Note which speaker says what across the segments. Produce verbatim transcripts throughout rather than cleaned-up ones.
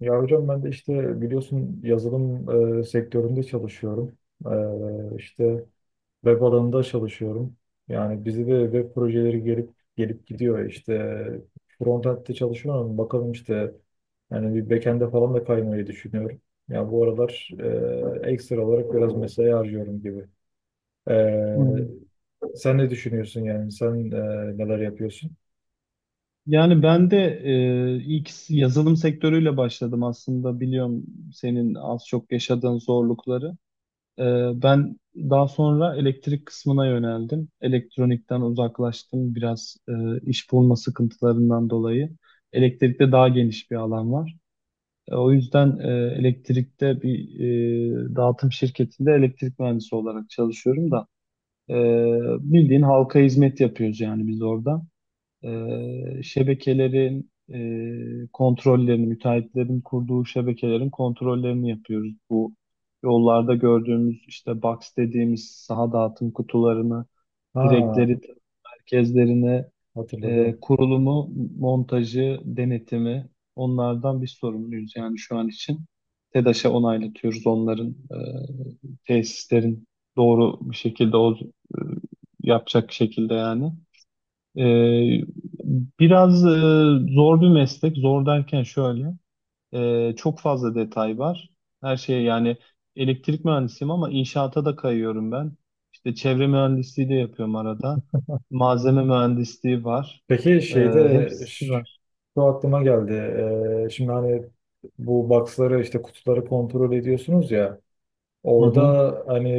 Speaker 1: Ya hocam ben de işte biliyorsun yazılım e, sektöründe çalışıyorum. E, işte web alanında çalışıyorum. Yani bizi de web projeleri gelip gelip gidiyor. İşte frontend'de çalışıyorum. Bakalım işte yani bir backend'e falan da kaymayı düşünüyorum. Ya bu aralar e, ekstra olarak biraz mesai harcıyorum gibi. E,
Speaker 2: Hmm.
Speaker 1: Sen ne düşünüyorsun yani? Sen e, neler yapıyorsun?
Speaker 2: Yani ben de e, ilk yazılım sektörüyle başladım aslında biliyorum senin az çok yaşadığın zorlukları. E, Ben daha sonra elektrik kısmına yöneldim. Elektronikten uzaklaştım biraz e, iş bulma sıkıntılarından dolayı. Elektrikte daha geniş bir alan var. E, o yüzden e, elektrikte bir e, dağıtım şirketinde elektrik mühendisi olarak çalışıyorum da e, bildiğin halka hizmet yapıyoruz yani biz orada. E, şebekelerin e, kontrollerini, müteahhitlerin kurduğu şebekelerin kontrollerini yapıyoruz. Bu yollarda gördüğümüz işte box dediğimiz saha dağıtım kutularını,
Speaker 1: Ha,
Speaker 2: direkleri, merkezlerini, e,
Speaker 1: hatırladım.
Speaker 2: kurulumu, montajı, denetimi onlardan biz sorumluyuz yani şu an için. TEDAŞ'a onaylatıyoruz onların e, tesislerin doğru bir şekilde o, e, yapacak şekilde yani. Ee, Biraz e, zor bir meslek. Zor derken şöyle, e, çok fazla detay var. Her şey yani elektrik mühendisiyim ama inşaata da kayıyorum ben. İşte çevre mühendisliği de yapıyorum arada. Malzeme mühendisliği var.
Speaker 1: Peki
Speaker 2: Ee,
Speaker 1: şeyde
Speaker 2: Hepsi
Speaker 1: ş-
Speaker 2: var.
Speaker 1: şu aklıma geldi. Ee, şimdi hani bu box'ları işte kutuları kontrol ediyorsunuz ya.
Speaker 2: Hı
Speaker 1: Orada
Speaker 2: hı.
Speaker 1: hani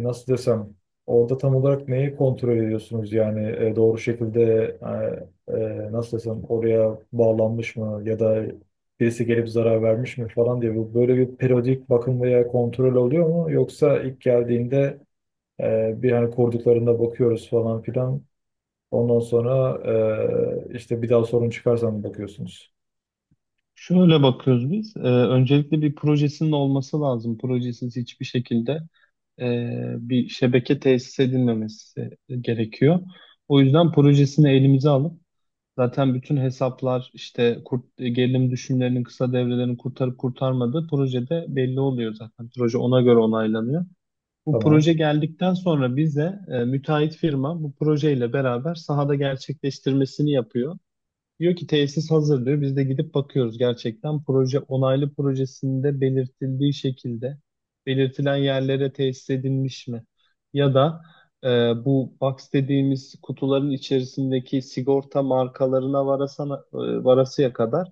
Speaker 1: e, nasıl desem orada tam olarak neyi kontrol ediyorsunuz yani E, doğru şekilde e, e, nasıl desem oraya bağlanmış mı ya da birisi gelip zarar vermiş mi falan diye bu böyle bir periyodik bakım veya kontrol oluyor mu yoksa ilk geldiğinde e, bir hani kurduklarında bakıyoruz falan filan. Ondan sonra e, işte bir daha sorun çıkarsa mı bakıyorsunuz?
Speaker 2: Şöyle bakıyoruz biz. Ee, öncelikle bir projesinin olması lazım. Projesiz hiçbir şekilde e, bir şebeke tesis edilmemesi gerekiyor. O yüzden projesini elimize alıp zaten bütün hesaplar işte kurt, gerilim düşümlerinin kısa devrelerini kurtarıp kurtarmadığı projede belli oluyor zaten. Proje ona göre onaylanıyor. Bu
Speaker 1: Tamam.
Speaker 2: proje geldikten sonra bize e, müteahhit firma bu projeyle beraber sahada gerçekleştirmesini yapıyor. Diyor ki tesis hazır diyor. Biz de gidip bakıyoruz gerçekten. Proje onaylı projesinde belirtildiği şekilde belirtilen yerlere tesis edilmiş mi? Ya da e, bu box dediğimiz kutuların içerisindeki sigorta markalarına varasana, e, varasıya kadar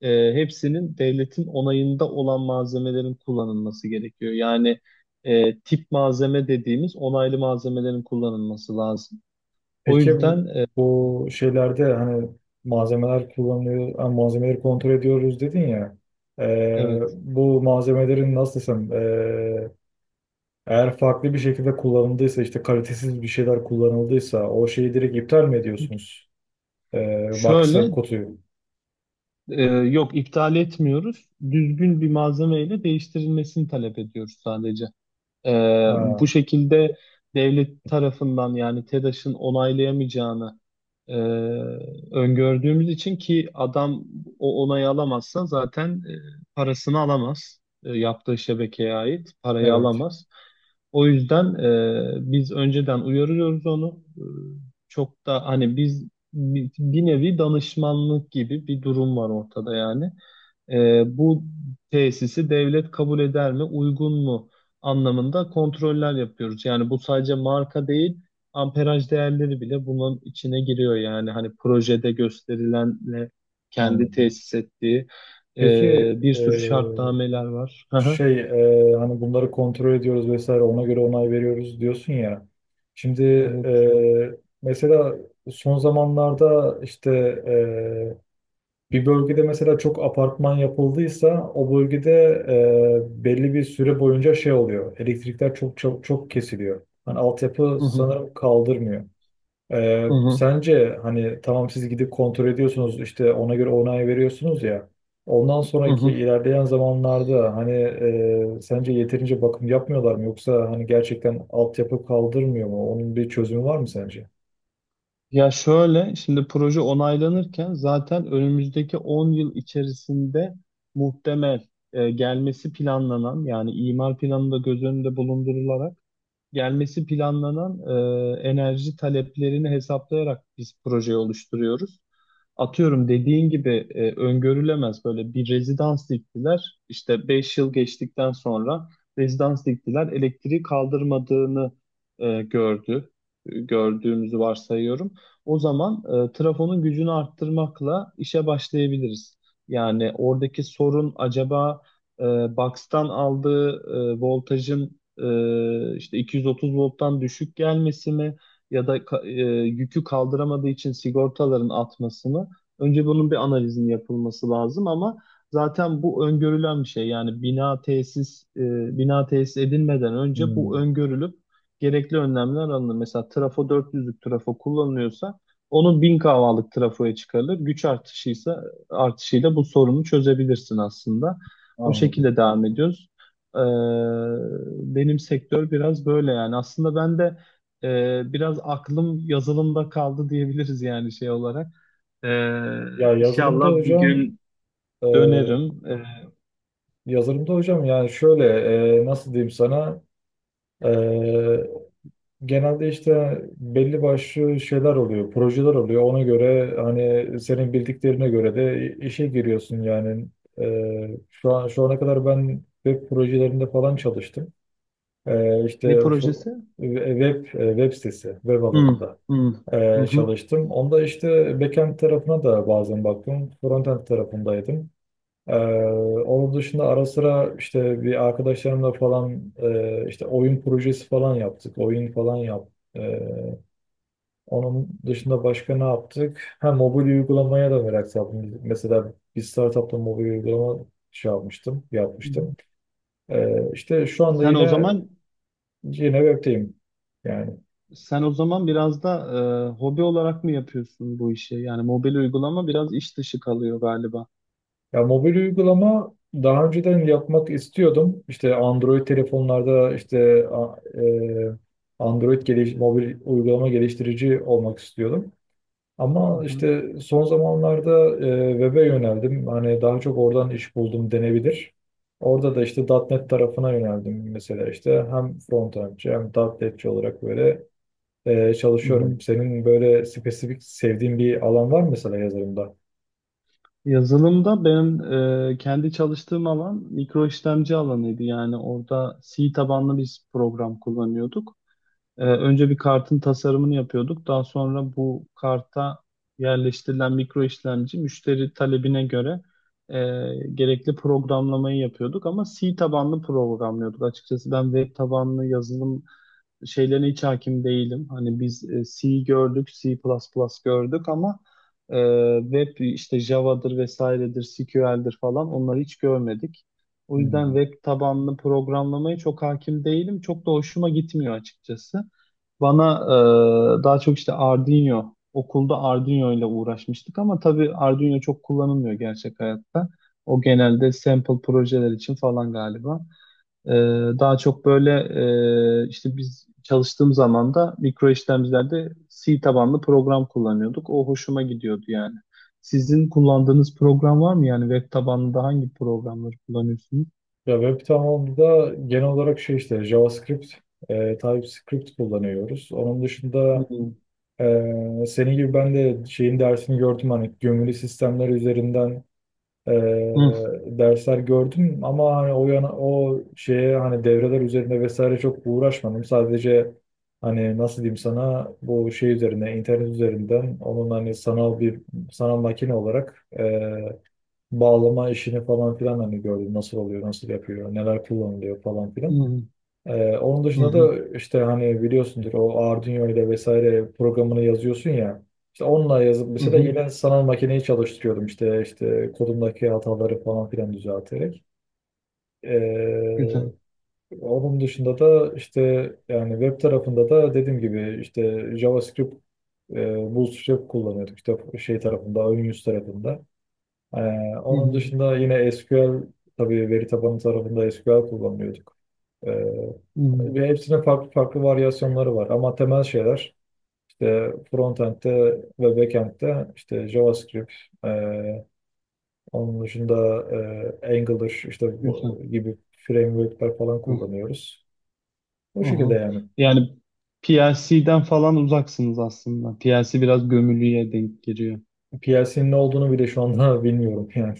Speaker 2: e, hepsinin devletin onayında olan malzemelerin kullanılması gerekiyor. Yani e, tip malzeme dediğimiz onaylı malzemelerin kullanılması lazım. O
Speaker 1: Peki bu,
Speaker 2: yüzden e,
Speaker 1: bu şeylerde hani malzemeler kullanılıyor, ha, malzemeleri kontrol ediyoruz dedin ya. E,
Speaker 2: evet.
Speaker 1: bu malzemelerin nasıl desem e, eğer farklı bir şekilde kullanıldıysa işte kalitesiz bir şeyler kullanıldıysa o şeyi direkt iptal mi ediyorsunuz? E, box'ı,
Speaker 2: Şöyle
Speaker 1: kutuyu.
Speaker 2: Ee, yok iptal etmiyoruz. Düzgün bir malzemeyle değiştirilmesini talep ediyoruz sadece. Ee, bu
Speaker 1: Ha,
Speaker 2: şekilde devlet tarafından yani TEDAŞ'ın onaylayamayacağını e, öngördüğümüz için ki adam o onayı alamazsa zaten e, parasını alamaz. E, yaptığı şebekeye ait parayı
Speaker 1: evet
Speaker 2: alamaz. O yüzden e, biz önceden uyarıyoruz onu. E, çok da hani biz bi- bir nevi danışmanlık gibi bir durum var ortada yani. E, bu tesisi devlet kabul eder mi, uygun mu anlamında kontroller yapıyoruz. Yani bu sadece marka değil, amperaj değerleri bile bunun içine giriyor. Yani hani projede gösterilenle kendi
Speaker 1: anladım.
Speaker 2: tesis ettiği
Speaker 1: Peki
Speaker 2: e, bir sürü şartnameler var. Hı hı,
Speaker 1: şey e, hani bunları kontrol ediyoruz vesaire ona göre onay veriyoruz diyorsun ya. Şimdi
Speaker 2: evet.
Speaker 1: e, mesela son zamanlarda işte e, bir bölgede mesela çok apartman yapıldıysa o bölgede e, belli bir süre boyunca şey oluyor. Elektrikler çok çok çok kesiliyor. Hani altyapı
Speaker 2: Hı hı,
Speaker 1: sanırım kaldırmıyor. Ee,
Speaker 2: hı hı,
Speaker 1: sence hani tamam siz gidip kontrol ediyorsunuz işte ona göre onay veriyorsunuz ya ondan
Speaker 2: hı
Speaker 1: sonraki
Speaker 2: hı.
Speaker 1: ilerleyen zamanlarda hani e, sence yeterince bakım yapmıyorlar mı yoksa hani gerçekten altyapı kaldırmıyor mu? Onun bir çözümü var mı sence?
Speaker 2: Ya şöyle, şimdi proje onaylanırken zaten önümüzdeki on yıl içerisinde muhtemel e, gelmesi planlanan yani imar planında göz önünde bulundurularak gelmesi planlanan e, enerji taleplerini hesaplayarak biz projeyi oluşturuyoruz. Atıyorum dediğin gibi e, öngörülemez böyle bir rezidans diktiler. İşte beş yıl geçtikten sonra rezidans diktiler. Elektriği kaldırmadığını e, gördü. E, Gördüğümüzü varsayıyorum. O zaman e, trafonun gücünü arttırmakla işe başlayabiliriz. Yani oradaki sorun acaba e, box'tan aldığı e, voltajın e, işte iki yüz otuz volttan düşük gelmesi mi? Ya da ka- e, yükü kaldıramadığı için sigortaların atmasını. Önce bunun bir analizin yapılması lazım ama zaten bu öngörülen bir şey. Yani bina tesis e, bina tesis edilmeden önce bu
Speaker 1: Hmm,
Speaker 2: öngörülüp gerekli önlemler alınır. Mesela trafo dört yüzlük trafo kullanılıyorsa onun bin kavalık trafoya çıkarılır. Güç artışıysa artışıyla bu sorunu çözebilirsin aslında. O
Speaker 1: anladım.
Speaker 2: şekilde devam ediyoruz. Ee, Benim sektör biraz böyle yani. Aslında ben de e, biraz aklım yazılımda kaldı diyebiliriz yani şey olarak. Ee,
Speaker 1: Ya yazılımda
Speaker 2: inşallah bir
Speaker 1: hocam
Speaker 2: gün
Speaker 1: e,
Speaker 2: dönerim. Ee,
Speaker 1: Yazılımda hocam yani şöyle e, nasıl diyeyim sana. E, Genelde işte belli başlı şeyler oluyor, projeler oluyor. Ona göre hani senin bildiklerine göre de işe giriyorsun yani. Ee, şu an şu ana kadar ben web projelerinde falan çalıştım. Ee, işte
Speaker 2: ne
Speaker 1: fu-
Speaker 2: projesi?
Speaker 1: web e, web sitesi, web
Speaker 2: Hı,
Speaker 1: alanında
Speaker 2: hı, hı
Speaker 1: ee,
Speaker 2: hı.
Speaker 1: çalıştım. Onda işte backend tarafına da bazen baktım. Frontend tarafındaydım. Ee, Onun dışında ara sıra işte bir arkadaşlarımla falan e, işte oyun projesi falan yaptık. Oyun falan yaptık. Onun dışında başka ne yaptık? Ha, mobil uygulamaya da merak saldım. Mesela bir startupta mobil uygulama şey yapmıştım, yapmıştım. Ee, işte şu anda
Speaker 2: Sen o
Speaker 1: yine
Speaker 2: zaman
Speaker 1: yine web'teyim. Yani
Speaker 2: sen o zaman biraz da e, hobi olarak mı yapıyorsun bu işi? Yani mobil uygulama biraz iş dışı kalıyor galiba.
Speaker 1: ya mobil uygulama daha önceden yapmak istiyordum. İşte Android telefonlarda işte a- e, Android geliş, mobil uygulama geliştirici olmak istiyordum.
Speaker 2: Hı
Speaker 1: Ama
Speaker 2: hı,
Speaker 1: işte son zamanlarda e, web'e yöneldim. Hani daha çok oradan iş buldum denebilir. Orada da işte .nokta .NET tarafına yöneldim mesela işte hem frontendçi hem .nokta .netçi olarak böyle e,
Speaker 2: hı hı.
Speaker 1: çalışıyorum. Senin böyle spesifik sevdiğin bir alan var mı mesela yazılımda?
Speaker 2: Yazılımda benim e, kendi çalıştığım alan mikro işlemci alanıydı. Yani orada C tabanlı biz program kullanıyorduk. Ee, önce bir kartın tasarımını yapıyorduk. Daha sonra bu karta yerleştirilen mikro işlemci müşteri talebine göre e, gerekli programlamayı yapıyorduk. Ama C tabanlı programlıyorduk. Açıkçası ben web tabanlı yazılım şeylerine hiç hakim değilim. Hani biz e, C gördük, C++ gördük ama e, web işte Java'dır vesairedir, S Q L'dir falan onları hiç görmedik. O yüzden
Speaker 1: Hmm.
Speaker 2: web tabanlı programlamaya çok hakim değilim. Çok da hoşuma gitmiyor açıkçası. Bana e, daha çok işte Arduino, okulda Arduino ile uğraşmıştık ama tabii Arduino çok kullanılmıyor gerçek hayatta. O genelde sample projeler için falan galiba. E, Daha çok böyle e, işte biz çalıştığım zaman da mikro işlemcilerde C tabanlı program kullanıyorduk. O hoşuma gidiyordu yani. Sizin kullandığınız program var mı? Yani web tabanlı da hangi programları kullanıyorsunuz?
Speaker 1: Ya web tamamında genel olarak şey işte JavaScript, e, TypeScript kullanıyoruz. Onun
Speaker 2: Hı
Speaker 1: dışında
Speaker 2: hı
Speaker 1: e, senin gibi ben de şeyin dersini gördüm hani gömülü sistemler üzerinden e, dersler gördüm ama hani o yana o şeye hani devreler üzerinde vesaire çok uğraşmadım. Sadece hani nasıl diyeyim sana bu şey üzerine internet üzerinden onun hani sanal bir sanal makine olarak e, bağlama işini falan filan hani gördüm nasıl oluyor nasıl yapıyor neler kullanılıyor falan filan.
Speaker 2: hı
Speaker 1: Ee, onun dışında
Speaker 2: hı
Speaker 1: da işte hani biliyorsundur o Arduino ile vesaire programını yazıyorsun ya. İşte onunla yazıp
Speaker 2: hı
Speaker 1: mesela
Speaker 2: hı.
Speaker 1: yine sanal makineyi çalıştırıyordum işte işte kodumdaki hataları falan filan düzelterek. Ee,
Speaker 2: Güzel.
Speaker 1: Onun dışında da işte yani web tarafında da dediğim gibi işte JavaScript, e, Bootstrap kullanıyorduk işte şey tarafında, ön yüz tarafında. Ee,
Speaker 2: Hı
Speaker 1: Onun
Speaker 2: hı
Speaker 1: dışında yine S Q L tabii veri tabanı tarafında S Q L kullanıyorduk.
Speaker 2: hı.
Speaker 1: Ve hepsinin farklı farklı varyasyonları var. Ama temel şeyler işte frontend'de ve backend'de işte JavaScript, e, onun dışında e, Angular işte bu
Speaker 2: Güzel.
Speaker 1: gibi framework'ler falan
Speaker 2: Hı
Speaker 1: kullanıyoruz.
Speaker 2: hı
Speaker 1: Bu şekilde
Speaker 2: hı.
Speaker 1: yani.
Speaker 2: Yani P L C'den falan uzaksınız aslında. P L C biraz gömülüye denk giriyor.
Speaker 1: P L C'nin ne olduğunu bile şu anda bilmiyorum yani.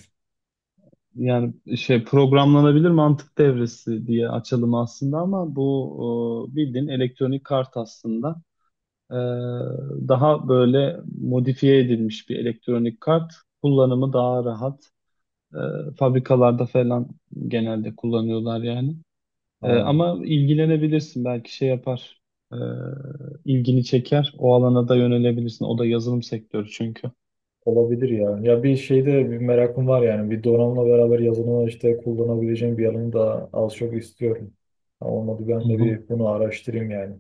Speaker 2: Yani şey programlanabilir mantık devresi diye açalım aslında ama bu e, bildiğin elektronik kart aslında. E, Daha böyle modifiye edilmiş bir elektronik kart. Kullanımı daha rahat. E, Fabrikalarda falan genelde kullanıyorlar yani. Ee,
Speaker 1: Aa,
Speaker 2: ama ilgilenebilirsin belki şey yapar. Ee, ilgini çeker. O alana da yönelebilirsin. O da yazılım sektörü çünkü.
Speaker 1: olabilir ya. Ya bir şeyde bir merakım var yani. Bir donanımla beraber yazılımı işte kullanabileceğim bir alanı da az çok istiyorum. Ha, olmadı
Speaker 2: Hı
Speaker 1: ben de
Speaker 2: hı,
Speaker 1: bir bunu araştırayım yani.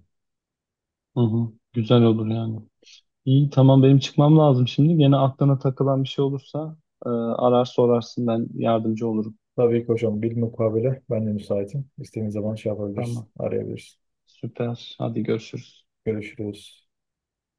Speaker 2: hı hı. Güzel olur yani. İyi tamam benim çıkmam lazım şimdi. Gene aklına takılan bir şey olursa e, arar sorarsın ben yardımcı olurum.
Speaker 1: Tabii ki hocam. Bilmukabele ben de müsaitim. İstediğiniz zaman şey yapabiliriz,
Speaker 2: Tamam.
Speaker 1: arayabiliriz.
Speaker 2: Süper. Hadi görüşürüz.
Speaker 1: Görüşürüz.